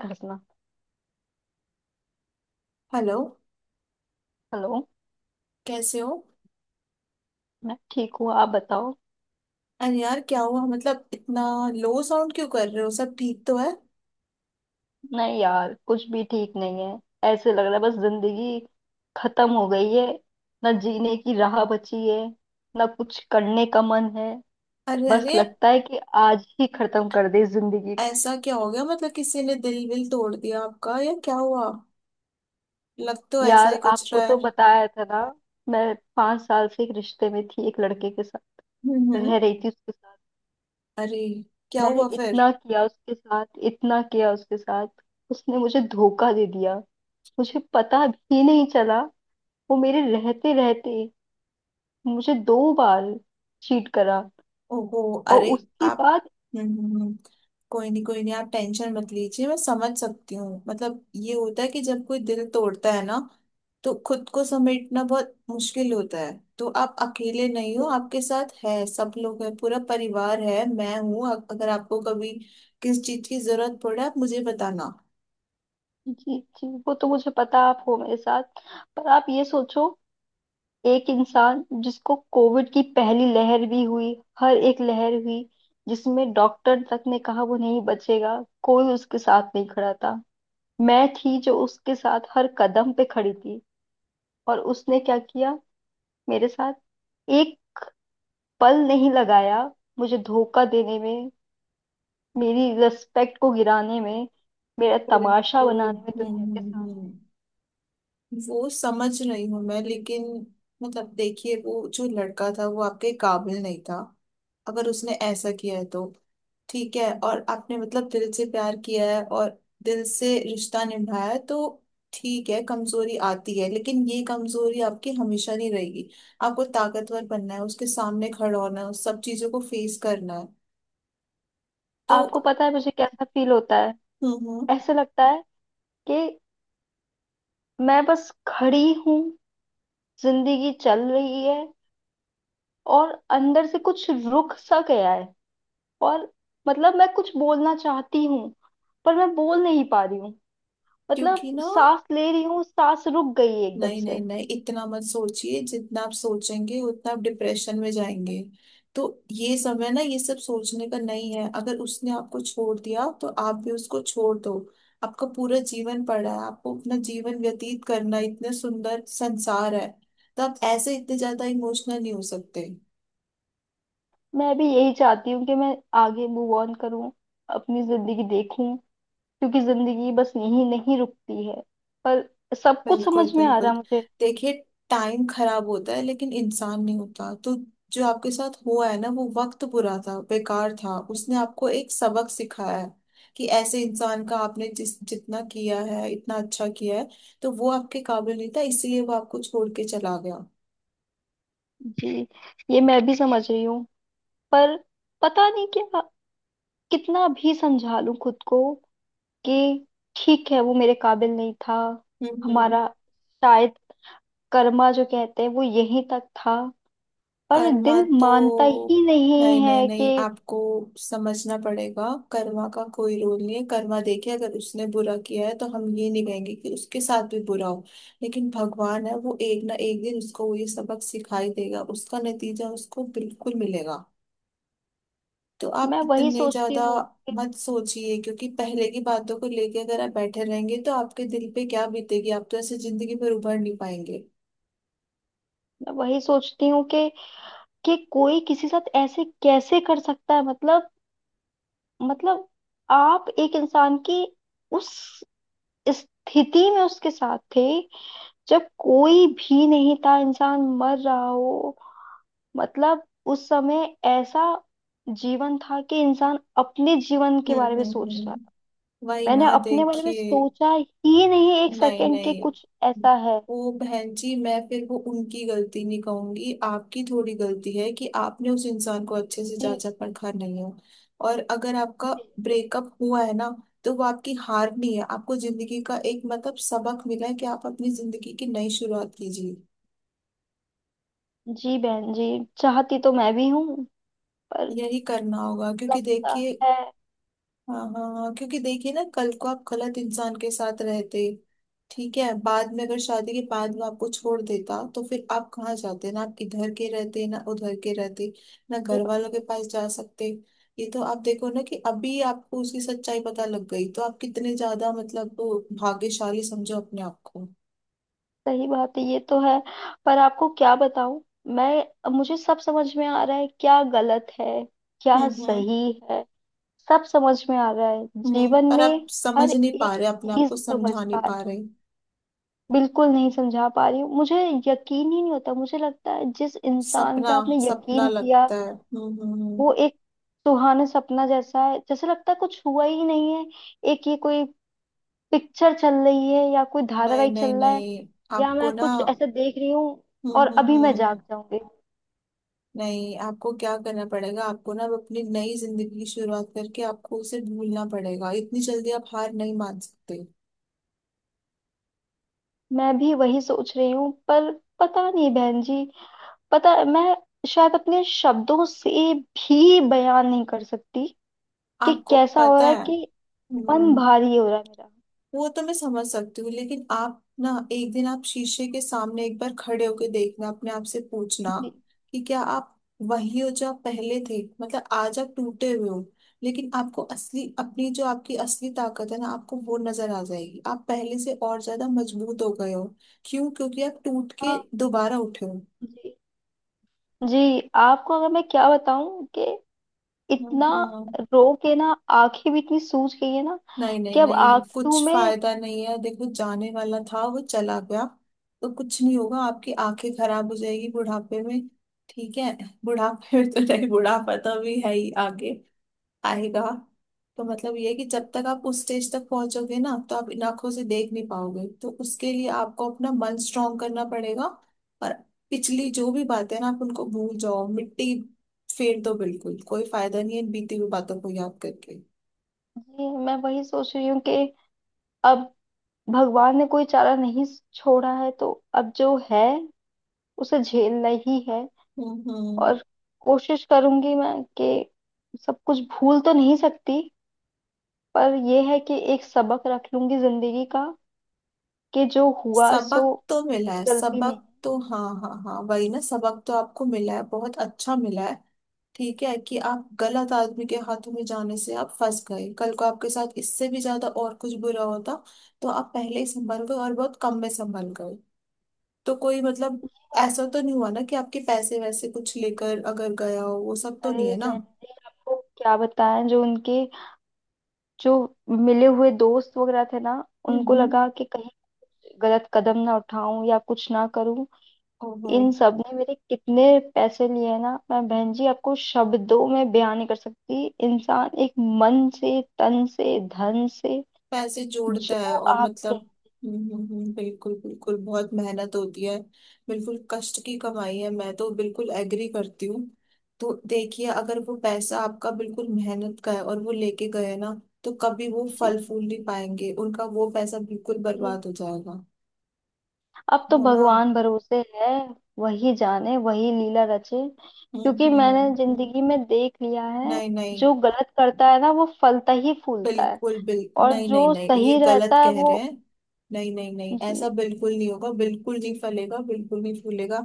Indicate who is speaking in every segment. Speaker 1: हंसना।
Speaker 2: Hello.
Speaker 1: Hello.
Speaker 2: कैसे हो?
Speaker 1: मैं ठीक हूँ, आप बताओ।
Speaker 2: अरे यार, क्या हुआ? मतलब इतना लो साउंड क्यों कर रहे हो? सब ठीक तो है?
Speaker 1: नहीं यार, कुछ भी ठीक नहीं है। ऐसे लग रहा है बस जिंदगी खत्म हो गई है। ना जीने की राह बची है, ना कुछ करने का मन है।
Speaker 2: अरे
Speaker 1: बस
Speaker 2: अरे,
Speaker 1: लगता है कि आज ही खत्म कर दे जिंदगी को।
Speaker 2: ऐसा क्या हो गया? मतलब किसी ने दिल विल तोड़ दिया आपका, या क्या हुआ? लग तो ऐसा
Speaker 1: यार,
Speaker 2: ही कुछ
Speaker 1: आपको
Speaker 2: रहा
Speaker 1: तो
Speaker 2: है।
Speaker 1: बताया था ना, मैं 5 साल से एक रिश्ते में थी, एक लड़के के साथ
Speaker 2: हम्म।
Speaker 1: रह रही थी उसके साथ।
Speaker 2: अरे, क्या
Speaker 1: मैंने
Speaker 2: हुआ फिर?
Speaker 1: इतना किया उसके साथ, इतना किया उसके साथ, उसने मुझे धोखा दे दिया। मुझे पता भी नहीं चला। वो मेरे रहते रहते मुझे 2 बार चीट करा।
Speaker 2: ओहो।
Speaker 1: और
Speaker 2: अरे,
Speaker 1: उसके
Speaker 2: आप।
Speaker 1: बाद
Speaker 2: हम्म। कोई नहीं, आप टेंशन मत लीजिए। मैं समझ सकती हूँ। मतलब ये होता है कि जब कोई दिल तोड़ता है ना, तो खुद को समेटना बहुत मुश्किल होता है। तो आप अकेले नहीं हो, आपके साथ है सब लोग हैं, पूरा परिवार है, मैं हूँ। अगर आपको कभी किस चीज की जरूरत पड़े, आप मुझे बताना।
Speaker 1: जी जी, वो तो मुझे पता आप हो मेरे साथ। पर आप ये सोचो, एक इंसान जिसको कोविड की पहली लहर भी हुई, हर एक लहर हुई, जिसमें डॉक्टर तक ने कहा वो नहीं बचेगा, कोई उसके साथ नहीं खड़ा था, मैं थी जो उसके साथ हर कदम पे खड़ी थी। और उसने क्या किया मेरे साथ? एक पल नहीं लगाया मुझे धोखा देने में, मेरी रिस्पेक्ट को गिराने में, मेरा तमाशा
Speaker 2: बिल्कुल।
Speaker 1: बनाने में
Speaker 2: हम्म
Speaker 1: दुनिया के
Speaker 2: हम्म
Speaker 1: सामने।
Speaker 2: हम्म। वो समझ रही हूँ मैं, लेकिन मतलब देखिए, वो जो लड़का था वो आपके काबिल नहीं था। अगर उसने ऐसा किया है तो ठीक है, और आपने मतलब दिल से प्यार किया है और दिल से रिश्ता निभाया है तो ठीक है। कमजोरी आती है, लेकिन ये कमजोरी आपकी हमेशा नहीं रहेगी। आपको ताकतवर बनना है, उसके सामने खड़ा होना है, उस सब चीजों को फेस करना है तो।
Speaker 1: आपको पता है मुझे कैसा फील होता है?
Speaker 2: हम्म।
Speaker 1: ऐसे लगता है कि मैं बस खड़ी हूँ, जिंदगी चल रही है, और अंदर से कुछ रुक सा गया है। और मतलब मैं कुछ बोलना चाहती हूँ पर मैं बोल नहीं पा रही हूँ। मतलब
Speaker 2: क्योंकि ना,
Speaker 1: सांस ले रही हूँ, सांस रुक गई है एकदम
Speaker 2: नहीं
Speaker 1: से।
Speaker 2: नहीं नहीं इतना मत सोचिए। जितना आप सोचेंगे उतना आप डिप्रेशन में जाएंगे। तो ये समय ना, ये सब सोचने का नहीं है। अगर उसने आपको छोड़ दिया तो आप भी उसको छोड़ दो। आपका पूरा जीवन पड़ा है, आपको अपना जीवन व्यतीत करना है, इतने सुंदर संसार है। तो आप ऐसे इतने ज्यादा इमोशनल नहीं हो सकते।
Speaker 1: मैं भी यही चाहती हूँ कि मैं आगे मूव ऑन करूँ, अपनी जिंदगी देखूं, क्योंकि जिंदगी बस यहीं नहीं रुकती है। पर सब कुछ
Speaker 2: बिल्कुल
Speaker 1: समझ में आ
Speaker 2: बिल्कुल।
Speaker 1: रहा मुझे।
Speaker 2: देखिए, टाइम खराब होता है लेकिन इंसान नहीं होता। तो जो आपके साथ हुआ है ना, वो वक्त बुरा था, बेकार था, उसने आपको एक सबक सिखाया है कि ऐसे इंसान का आपने जिस जितना किया है, इतना अच्छा किया है, तो वो आपके काबिल नहीं था, इसलिए वो आपको छोड़ के चला गया।
Speaker 1: जी, ये मैं भी समझ रही हूँ, पर पता नहीं क्या, कितना भी समझा लूं खुद को कि ठीक है वो मेरे काबिल नहीं था,
Speaker 2: हम्म।
Speaker 1: हमारा शायद कर्मा जो कहते हैं वो यहीं तक था, पर
Speaker 2: कर्मा
Speaker 1: दिल
Speaker 2: तो,
Speaker 1: मानता ही नहीं
Speaker 2: नहीं नहीं
Speaker 1: है
Speaker 2: नहीं
Speaker 1: कि
Speaker 2: आपको समझना पड़ेगा। कर्मा का कोई रोल नहीं है। कर्मा देखिए, अगर उसने बुरा किया है तो हम ये नहीं कहेंगे कि उसके साथ भी बुरा हो, लेकिन भगवान है, वो एक ना एक दिन उसको वो ये सबक सिखाई देगा, उसका नतीजा उसको बिल्कुल मिलेगा। तो आप
Speaker 1: मैं वही
Speaker 2: इतने
Speaker 1: सोचती
Speaker 2: ज्यादा
Speaker 1: हूँ।
Speaker 2: मत सोचिए, क्योंकि पहले की बातों को लेके अगर आप बैठे रहेंगे तो आपके दिल पे क्या बीतेगी, आप तो ऐसे जिंदगी में उभर नहीं पाएंगे।
Speaker 1: मैं वही सोचती हूँ कि कोई किसी साथ ऐसे कैसे कर सकता है। मतलब आप एक इंसान की उस स्थिति में उसके साथ थे जब कोई भी नहीं था, इंसान मर रहा हो, मतलब उस समय ऐसा जीवन था कि इंसान अपने जीवन के
Speaker 2: हम्म
Speaker 1: बारे में
Speaker 2: हम्म
Speaker 1: सोच रहा था।
Speaker 2: हम्म वही
Speaker 1: मैंने
Speaker 2: ना,
Speaker 1: अपने बारे में
Speaker 2: देखिए।
Speaker 1: सोचा ही नहीं एक
Speaker 2: नहीं
Speaker 1: सेकंड के,
Speaker 2: नहीं
Speaker 1: कुछ ऐसा है।
Speaker 2: वो बहन जी, मैं फिर वो उनकी गलती नहीं कहूंगी, आपकी थोड़ी गलती है कि आपने उस इंसान को अच्छे से
Speaker 1: जी
Speaker 2: जांचा परखा नहीं है। और अगर आपका
Speaker 1: जी
Speaker 2: ब्रेकअप हुआ है ना, तो वो आपकी हार नहीं है, आपको जिंदगी का एक मतलब सबक मिला है कि आप अपनी जिंदगी की नई शुरुआत कीजिए।
Speaker 1: जी बहन जी, चाहती तो मैं भी हूँ पर
Speaker 2: यही करना होगा क्योंकि
Speaker 1: लगता
Speaker 2: देखिए,
Speaker 1: है।
Speaker 2: हाँ हाँ हाँ, क्योंकि देखिए ना, कल को आप गलत इंसान के साथ रहते, ठीक है, बाद में अगर शादी के बाद वो आपको छोड़ देता तो फिर आप कहाँ जाते? ना आप इधर के रहते ना उधर के रहते, ना
Speaker 1: ये
Speaker 2: घर
Speaker 1: बात
Speaker 2: वालों के
Speaker 1: है।
Speaker 2: पास जा सकते। ये तो आप देखो ना कि अभी आपको उसकी सच्चाई पता लग गई, तो आप कितने ज्यादा मतलब भाग्यशाली समझो अपने आप को।
Speaker 1: सही बात है, ये तो है। पर आपको क्या बताऊं, मैं मुझे सब समझ में आ रहा है क्या गलत है, क्या
Speaker 2: हम्म हम्म
Speaker 1: सही है, सब समझ में आ रहा है
Speaker 2: हम्म।
Speaker 1: जीवन
Speaker 2: पर आप
Speaker 1: में। हर
Speaker 2: समझ
Speaker 1: एक
Speaker 2: नहीं पा रहे, अपने आप
Speaker 1: चीज
Speaker 2: को
Speaker 1: समझ
Speaker 2: समझा
Speaker 1: आ
Speaker 2: नहीं
Speaker 1: रही,
Speaker 2: पा रहे।
Speaker 1: बिल्कुल नहीं समझा पा रही हूँ मुझे यकीन ही नहीं होता। मुझे लगता है जिस इंसान
Speaker 2: सपना,
Speaker 1: पे आपने
Speaker 2: सपना
Speaker 1: यकीन किया
Speaker 2: लगता है। हम्म हम्म
Speaker 1: वो
Speaker 2: हम्म।
Speaker 1: एक सुहाना सपना जैसा है। जैसे लगता है कुछ हुआ ही नहीं है, एक ये कोई पिक्चर चल रही है या कोई
Speaker 2: नहीं
Speaker 1: धारावाहिक चल
Speaker 2: नहीं
Speaker 1: रहा है,
Speaker 2: नहीं
Speaker 1: या
Speaker 2: आपको
Speaker 1: मैं
Speaker 2: ना,
Speaker 1: कुछ ऐसा देख रही हूँ
Speaker 2: हम्म
Speaker 1: और
Speaker 2: हम्म
Speaker 1: अभी मैं
Speaker 2: हम्म
Speaker 1: जाग जाऊंगी।
Speaker 2: नहीं, आपको क्या करना पड़ेगा, आपको ना अब अपनी नई जिंदगी की शुरुआत करके आपको उसे भूलना पड़ेगा। इतनी जल्दी आप हार नहीं मान सकते।
Speaker 1: मैं भी वही सोच रही हूँ, पर पता नहीं बहन जी, पता, मैं शायद अपने शब्दों से भी बयान नहीं कर सकती कि
Speaker 2: आपको
Speaker 1: कैसा हो
Speaker 2: पता
Speaker 1: रहा है,
Speaker 2: है।
Speaker 1: कि मन
Speaker 2: हम्म।
Speaker 1: भारी हो रहा है मेरा।
Speaker 2: वो तो मैं समझ सकती हूँ, लेकिन आप ना एक दिन आप शीशे के सामने एक बार खड़े होके देखना, अपने आप से पूछना
Speaker 1: जी,
Speaker 2: कि क्या आप वही हो जो आप पहले थे? मतलब आज आप टूटे हुए हो, लेकिन आपको असली अपनी जो आपकी असली ताकत है ना, आपको वो नजर आ जाएगी। आप पहले से और ज्यादा मजबूत हो गए हो। क्यों? क्योंकि आप टूट के
Speaker 1: हाँ
Speaker 2: दोबारा उठे हो।
Speaker 1: जी, जी, आपको अगर मैं क्या बताऊं कि इतना
Speaker 2: हाँ,
Speaker 1: रो के ना आंखें भी इतनी सूज गई है ना
Speaker 2: नहीं नहीं
Speaker 1: कि अब
Speaker 2: नहीं
Speaker 1: आंखों
Speaker 2: कुछ
Speaker 1: में।
Speaker 2: फायदा नहीं है। देखो, जाने वाला था वो चला गया, तो कुछ नहीं होगा। आपकी आंखें खराब हो जाएगी बुढ़ापे में। ठीक है, बुढ़ापे में तो नहीं, बुढ़ापा तो अभी है ही, आगे आएगा। तो मतलब ये है कि जब तक आप उस स्टेज तक पहुंचोगे ना, तो आप इन आंखों से देख नहीं पाओगे। तो उसके लिए आपको अपना मन स्ट्रांग करना पड़ेगा। और पिछली जो भी बातें ना, आप उनको भूल जाओ, मिट्टी फेर दो। बिल्कुल कोई फायदा नहीं है इन बीती हुई बातों को याद करके।
Speaker 1: जी, मैं वही सोच रही हूँ कि अब भगवान ने कोई चारा नहीं छोड़ा है तो अब जो है उसे झेलना ही है।
Speaker 2: हम्म।
Speaker 1: और कोशिश करूंगी मैं, कि सब कुछ भूल तो नहीं सकती, पर यह है कि एक सबक रख लूंगी जिंदगी का, कि जो हुआ सो
Speaker 2: सबक तो मिला
Speaker 1: मेरी
Speaker 2: है,
Speaker 1: गलती नहीं
Speaker 2: सबक
Speaker 1: है।
Speaker 2: तो, हाँ हाँ हाँ, वही ना, सबक तो आपको मिला है, बहुत अच्छा मिला है। ठीक है कि आप गलत आदमी के हाथों में जाने से आप फंस गए, कल को आपके साथ इससे भी ज्यादा और कुछ बुरा होता, तो आप पहले ही संभल गए और बहुत कम में संभल गए। तो कोई मतलब
Speaker 1: ये
Speaker 2: ऐसा
Speaker 1: बात
Speaker 2: तो नहीं हुआ ना कि आपके पैसे वैसे कुछ लेकर अगर गया हो, वो सब तो
Speaker 1: है।
Speaker 2: नहीं
Speaker 1: अरे
Speaker 2: है ना?
Speaker 1: बहन जी, आपको क्या बताएं, जो उनके जो मिले हुए दोस्त वगैरह थे ना, उनको
Speaker 2: हम्म।
Speaker 1: लगा कि कहीं गलत कदम ना उठाऊं या कुछ ना करूं,
Speaker 2: ओहो।
Speaker 1: इन सब ने मेरे कितने पैसे लिए हैं ना। मैं बहन जी आपको शब्दों में बयान नहीं कर सकती। इंसान एक मन से, तन से, धन से,
Speaker 2: पैसे जोड़ता है
Speaker 1: जो
Speaker 2: और
Speaker 1: आप
Speaker 2: मतलब,
Speaker 1: कहें।
Speaker 2: हम्म। बिल्कुल बिल्कुल, बहुत मेहनत होती है, बिल्कुल कष्ट की कमाई है, मैं तो बिल्कुल एग्री करती हूँ। तो देखिए, अगर वो पैसा आपका बिल्कुल मेहनत का है और वो लेके गए ना, तो कभी वो
Speaker 1: जी
Speaker 2: फल फूल नहीं पाएंगे, उनका वो पैसा बिल्कुल
Speaker 1: जी।
Speaker 2: बर्बाद हो जाएगा।
Speaker 1: अब तो
Speaker 2: है ना।
Speaker 1: भगवान भरोसे है, वही जाने, वही लीला रचे,
Speaker 2: हम्म
Speaker 1: क्योंकि मैंने
Speaker 2: हम्म
Speaker 1: जिंदगी में देख लिया है,
Speaker 2: नहीं नहीं,
Speaker 1: जो गलत करता है ना वो फलता ही फूलता है,
Speaker 2: बिल्कुल बिल्कुल,
Speaker 1: और
Speaker 2: नहीं नहीं
Speaker 1: जो
Speaker 2: नहीं ये
Speaker 1: सही रहता
Speaker 2: गलत
Speaker 1: है
Speaker 2: कह रहे
Speaker 1: वो,
Speaker 2: हैं। नहीं नहीं नहीं
Speaker 1: जी
Speaker 2: ऐसा बिल्कुल नहीं होगा, बिल्कुल नहीं फलेगा, बिल्कुल नहीं फूलेगा।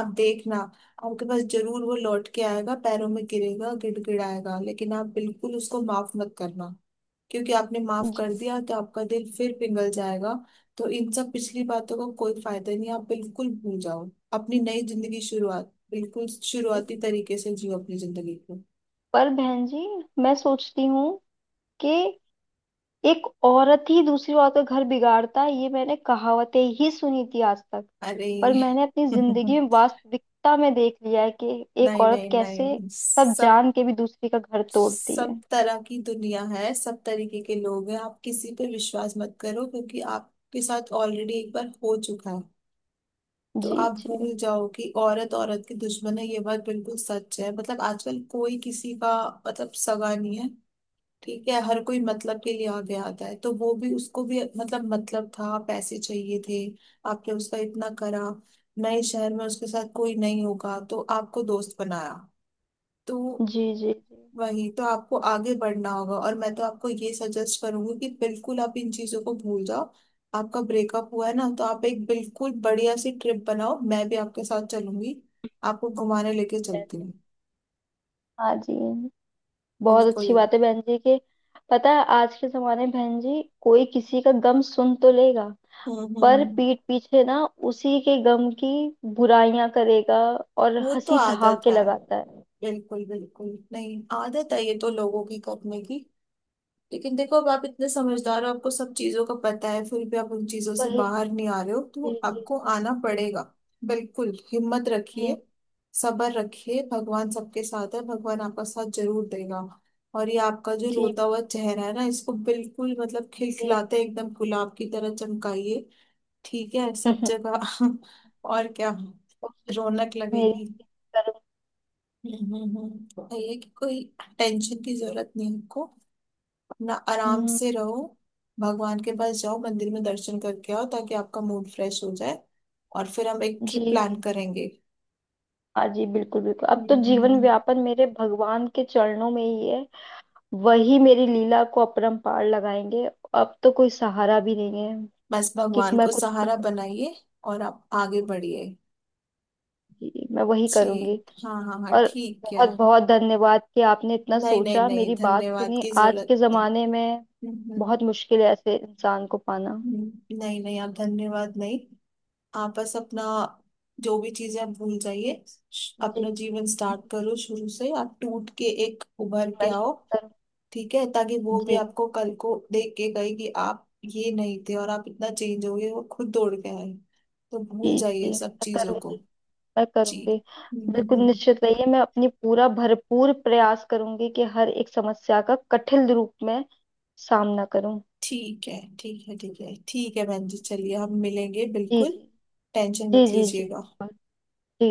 Speaker 2: आप देखना, आपके पास जरूर वो लौट के आएगा, पैरों में गिरेगा, गिड़गिड़ाएगा, लेकिन आप बिल्कुल उसको माफ मत करना, क्योंकि आपने माफ
Speaker 1: जी
Speaker 2: कर दिया तो आपका दिल फिर पिघल जाएगा। तो इन सब पिछली बातों का कोई फायदा नहीं, आप बिल्कुल भूल जाओ। अपनी नई जिंदगी शुरुआत बिल्कुल
Speaker 1: जी।
Speaker 2: शुरुआती तरीके से जियो अपनी जिंदगी को।
Speaker 1: पर बहन जी, मैं सोचती हूँ कि एक औरत ही दूसरी औरत का घर बिगाड़ता है, ये मैंने कहावतें ही सुनी थी आज तक, पर
Speaker 2: अरे
Speaker 1: मैंने अपनी जिंदगी में वास्तविकता में देख लिया है कि एक
Speaker 2: नहीं
Speaker 1: औरत
Speaker 2: नहीं
Speaker 1: कैसे
Speaker 2: नहीं
Speaker 1: सब
Speaker 2: सब
Speaker 1: जान के भी दूसरी का घर तोड़ती
Speaker 2: सब
Speaker 1: है।
Speaker 2: तरह की दुनिया है, सब तरीके के लोग हैं। आप किसी पे विश्वास मत करो, क्योंकि आपके साथ ऑलरेडी एक बार हो चुका है। तो
Speaker 1: जी
Speaker 2: आप
Speaker 1: जी
Speaker 2: भूल जाओ कि औरत औरत की दुश्मन है, ये बात बिल्कुल सच है। मतलब आजकल कोई किसी का मतलब सगा नहीं है। ठीक है, हर कोई मतलब के लिए आगे आता है। तो वो भी, उसको भी मतलब, मतलब था, पैसे चाहिए थे। आपने उसका इतना करा, नए शहर में उसके साथ कोई नहीं होगा तो आपको दोस्त बनाया। तो
Speaker 1: जी जी जी
Speaker 2: वही तो, आपको आगे बढ़ना होगा। और मैं तो आपको ये सजेस्ट करूंगी कि बिल्कुल आप इन चीजों को भूल जाओ। आपका ब्रेकअप हुआ है ना, तो आप एक बिल्कुल बढ़िया सी ट्रिप बनाओ, मैं भी आपके साथ चलूंगी, आपको घुमाने लेके
Speaker 1: बहन
Speaker 2: चलती
Speaker 1: जी।
Speaker 2: हूँ।
Speaker 1: हाँ जी, बहुत
Speaker 2: बिल्कुल।
Speaker 1: अच्छी बात है बहन जी के। पता है, आज के जमाने में बहन जी कोई किसी का गम सुन तो लेगा,
Speaker 2: हम्म
Speaker 1: पर
Speaker 2: हम्म
Speaker 1: पीठ पीछे ना उसी के गम की बुराइयां करेगा और
Speaker 2: वो तो
Speaker 1: हंसी
Speaker 2: आदत
Speaker 1: ठहाके
Speaker 2: है,
Speaker 1: लगाता है।
Speaker 2: बिल्कुल बिल्कुल, नहीं आदत है ये तो लोगों की करने की। लेकिन देखो, अब आप इतने समझदार हो, आपको सब चीजों का पता है, फिर भी आप उन चीजों से
Speaker 1: वही,
Speaker 2: बाहर नहीं आ रहे हो, तो
Speaker 1: जी जी
Speaker 2: आपको आना
Speaker 1: जी
Speaker 2: पड़ेगा। बिल्कुल हिम्मत रखिए, सब्र रखिए, भगवान सबके साथ है, भगवान आपका साथ जरूर देगा। और ये आपका जो
Speaker 1: जी,
Speaker 2: रोता हुआ चेहरा है ना, इसको बिल्कुल मतलब
Speaker 1: बिल्कुल।
Speaker 2: खिलखिलाते एकदम गुलाब की तरह चमकाइए। ठीक है, सब जगह और क्या,
Speaker 1: कोशिश
Speaker 2: रौनक
Speaker 1: करेगी मेरी
Speaker 2: लगेगी।
Speaker 1: कर्म।
Speaker 2: हम्म। ये कि कोई टेंशन की जरूरत नहीं है आपको ना, आराम
Speaker 1: हम्म,
Speaker 2: से रहो। भगवान के पास जाओ, मंदिर में दर्शन करके आओ, ताकि आपका मूड फ्रेश हो जाए, और फिर हम एक
Speaker 1: जी,
Speaker 2: ट्रिप प्लान करेंगे।
Speaker 1: हाँ जी, बिल्कुल बिल्कुल, अब
Speaker 2: हम्म,
Speaker 1: तो
Speaker 2: हम्म,
Speaker 1: जीवन
Speaker 2: हम्म।
Speaker 1: व्यापन मेरे भगवान के चरणों में ही है, वही मेरी लीला को अपरंपार लगाएंगे। अब तो कोई सहारा भी नहीं है
Speaker 2: बस
Speaker 1: कि
Speaker 2: भगवान
Speaker 1: मैं
Speaker 2: को
Speaker 1: कुछ
Speaker 2: सहारा बनाइए और आप आगे बढ़िए।
Speaker 1: करूंगी, मैं वही
Speaker 2: जी,
Speaker 1: करूंगी।
Speaker 2: हाँ हाँ हाँ,
Speaker 1: और
Speaker 2: ठीक है।
Speaker 1: बहुत बहुत धन्यवाद कि आपने इतना
Speaker 2: नहीं नहीं
Speaker 1: सोचा,
Speaker 2: नहीं
Speaker 1: मेरी बात
Speaker 2: धन्यवाद
Speaker 1: सुनी।
Speaker 2: की
Speaker 1: आज
Speaker 2: जरूरत
Speaker 1: के
Speaker 2: नहीं।
Speaker 1: जमाने में
Speaker 2: हम्म, हम्म,
Speaker 1: बहुत मुश्किल है ऐसे इंसान को पाना।
Speaker 2: हम्म। नहीं नहीं, आप धन्यवाद नहीं, आप बस अपना जो भी चीजें आप भूल जाइए।
Speaker 1: जी
Speaker 2: अपना जीवन स्टार्ट
Speaker 1: जी,
Speaker 2: करो शुरू से, आप टूट के एक उभर के
Speaker 1: मैं
Speaker 2: आओ।
Speaker 1: करूंगी।
Speaker 2: ठीक है, ताकि वो भी
Speaker 1: जी
Speaker 2: आपको कल को देख के गई कि आप ये नहीं थे और आप इतना चेंज हो गए, वो खुद दौड़ के आए। तो भूल
Speaker 1: जी जी,
Speaker 2: जाइए सब
Speaker 1: मैं
Speaker 2: चीजों
Speaker 1: करूंगी,
Speaker 2: को।
Speaker 1: मैं
Speaker 2: जी।
Speaker 1: करूंगी।
Speaker 2: हम्म हम्म,
Speaker 1: बिल्कुल
Speaker 2: हम्म।
Speaker 1: निश्चित रहिए, मैं अपनी पूरा भरपूर प्रयास करूंगी कि हर एक समस्या का कठिन रूप में सामना करूं।
Speaker 2: ठीक है, ठीक है, बहन जी, चलिए हम मिलेंगे
Speaker 1: जी
Speaker 2: बिल्कुल।
Speaker 1: जी
Speaker 2: टेंशन
Speaker 1: जी
Speaker 2: मत
Speaker 1: जी जी
Speaker 2: लीजिएगा।
Speaker 1: जी जी।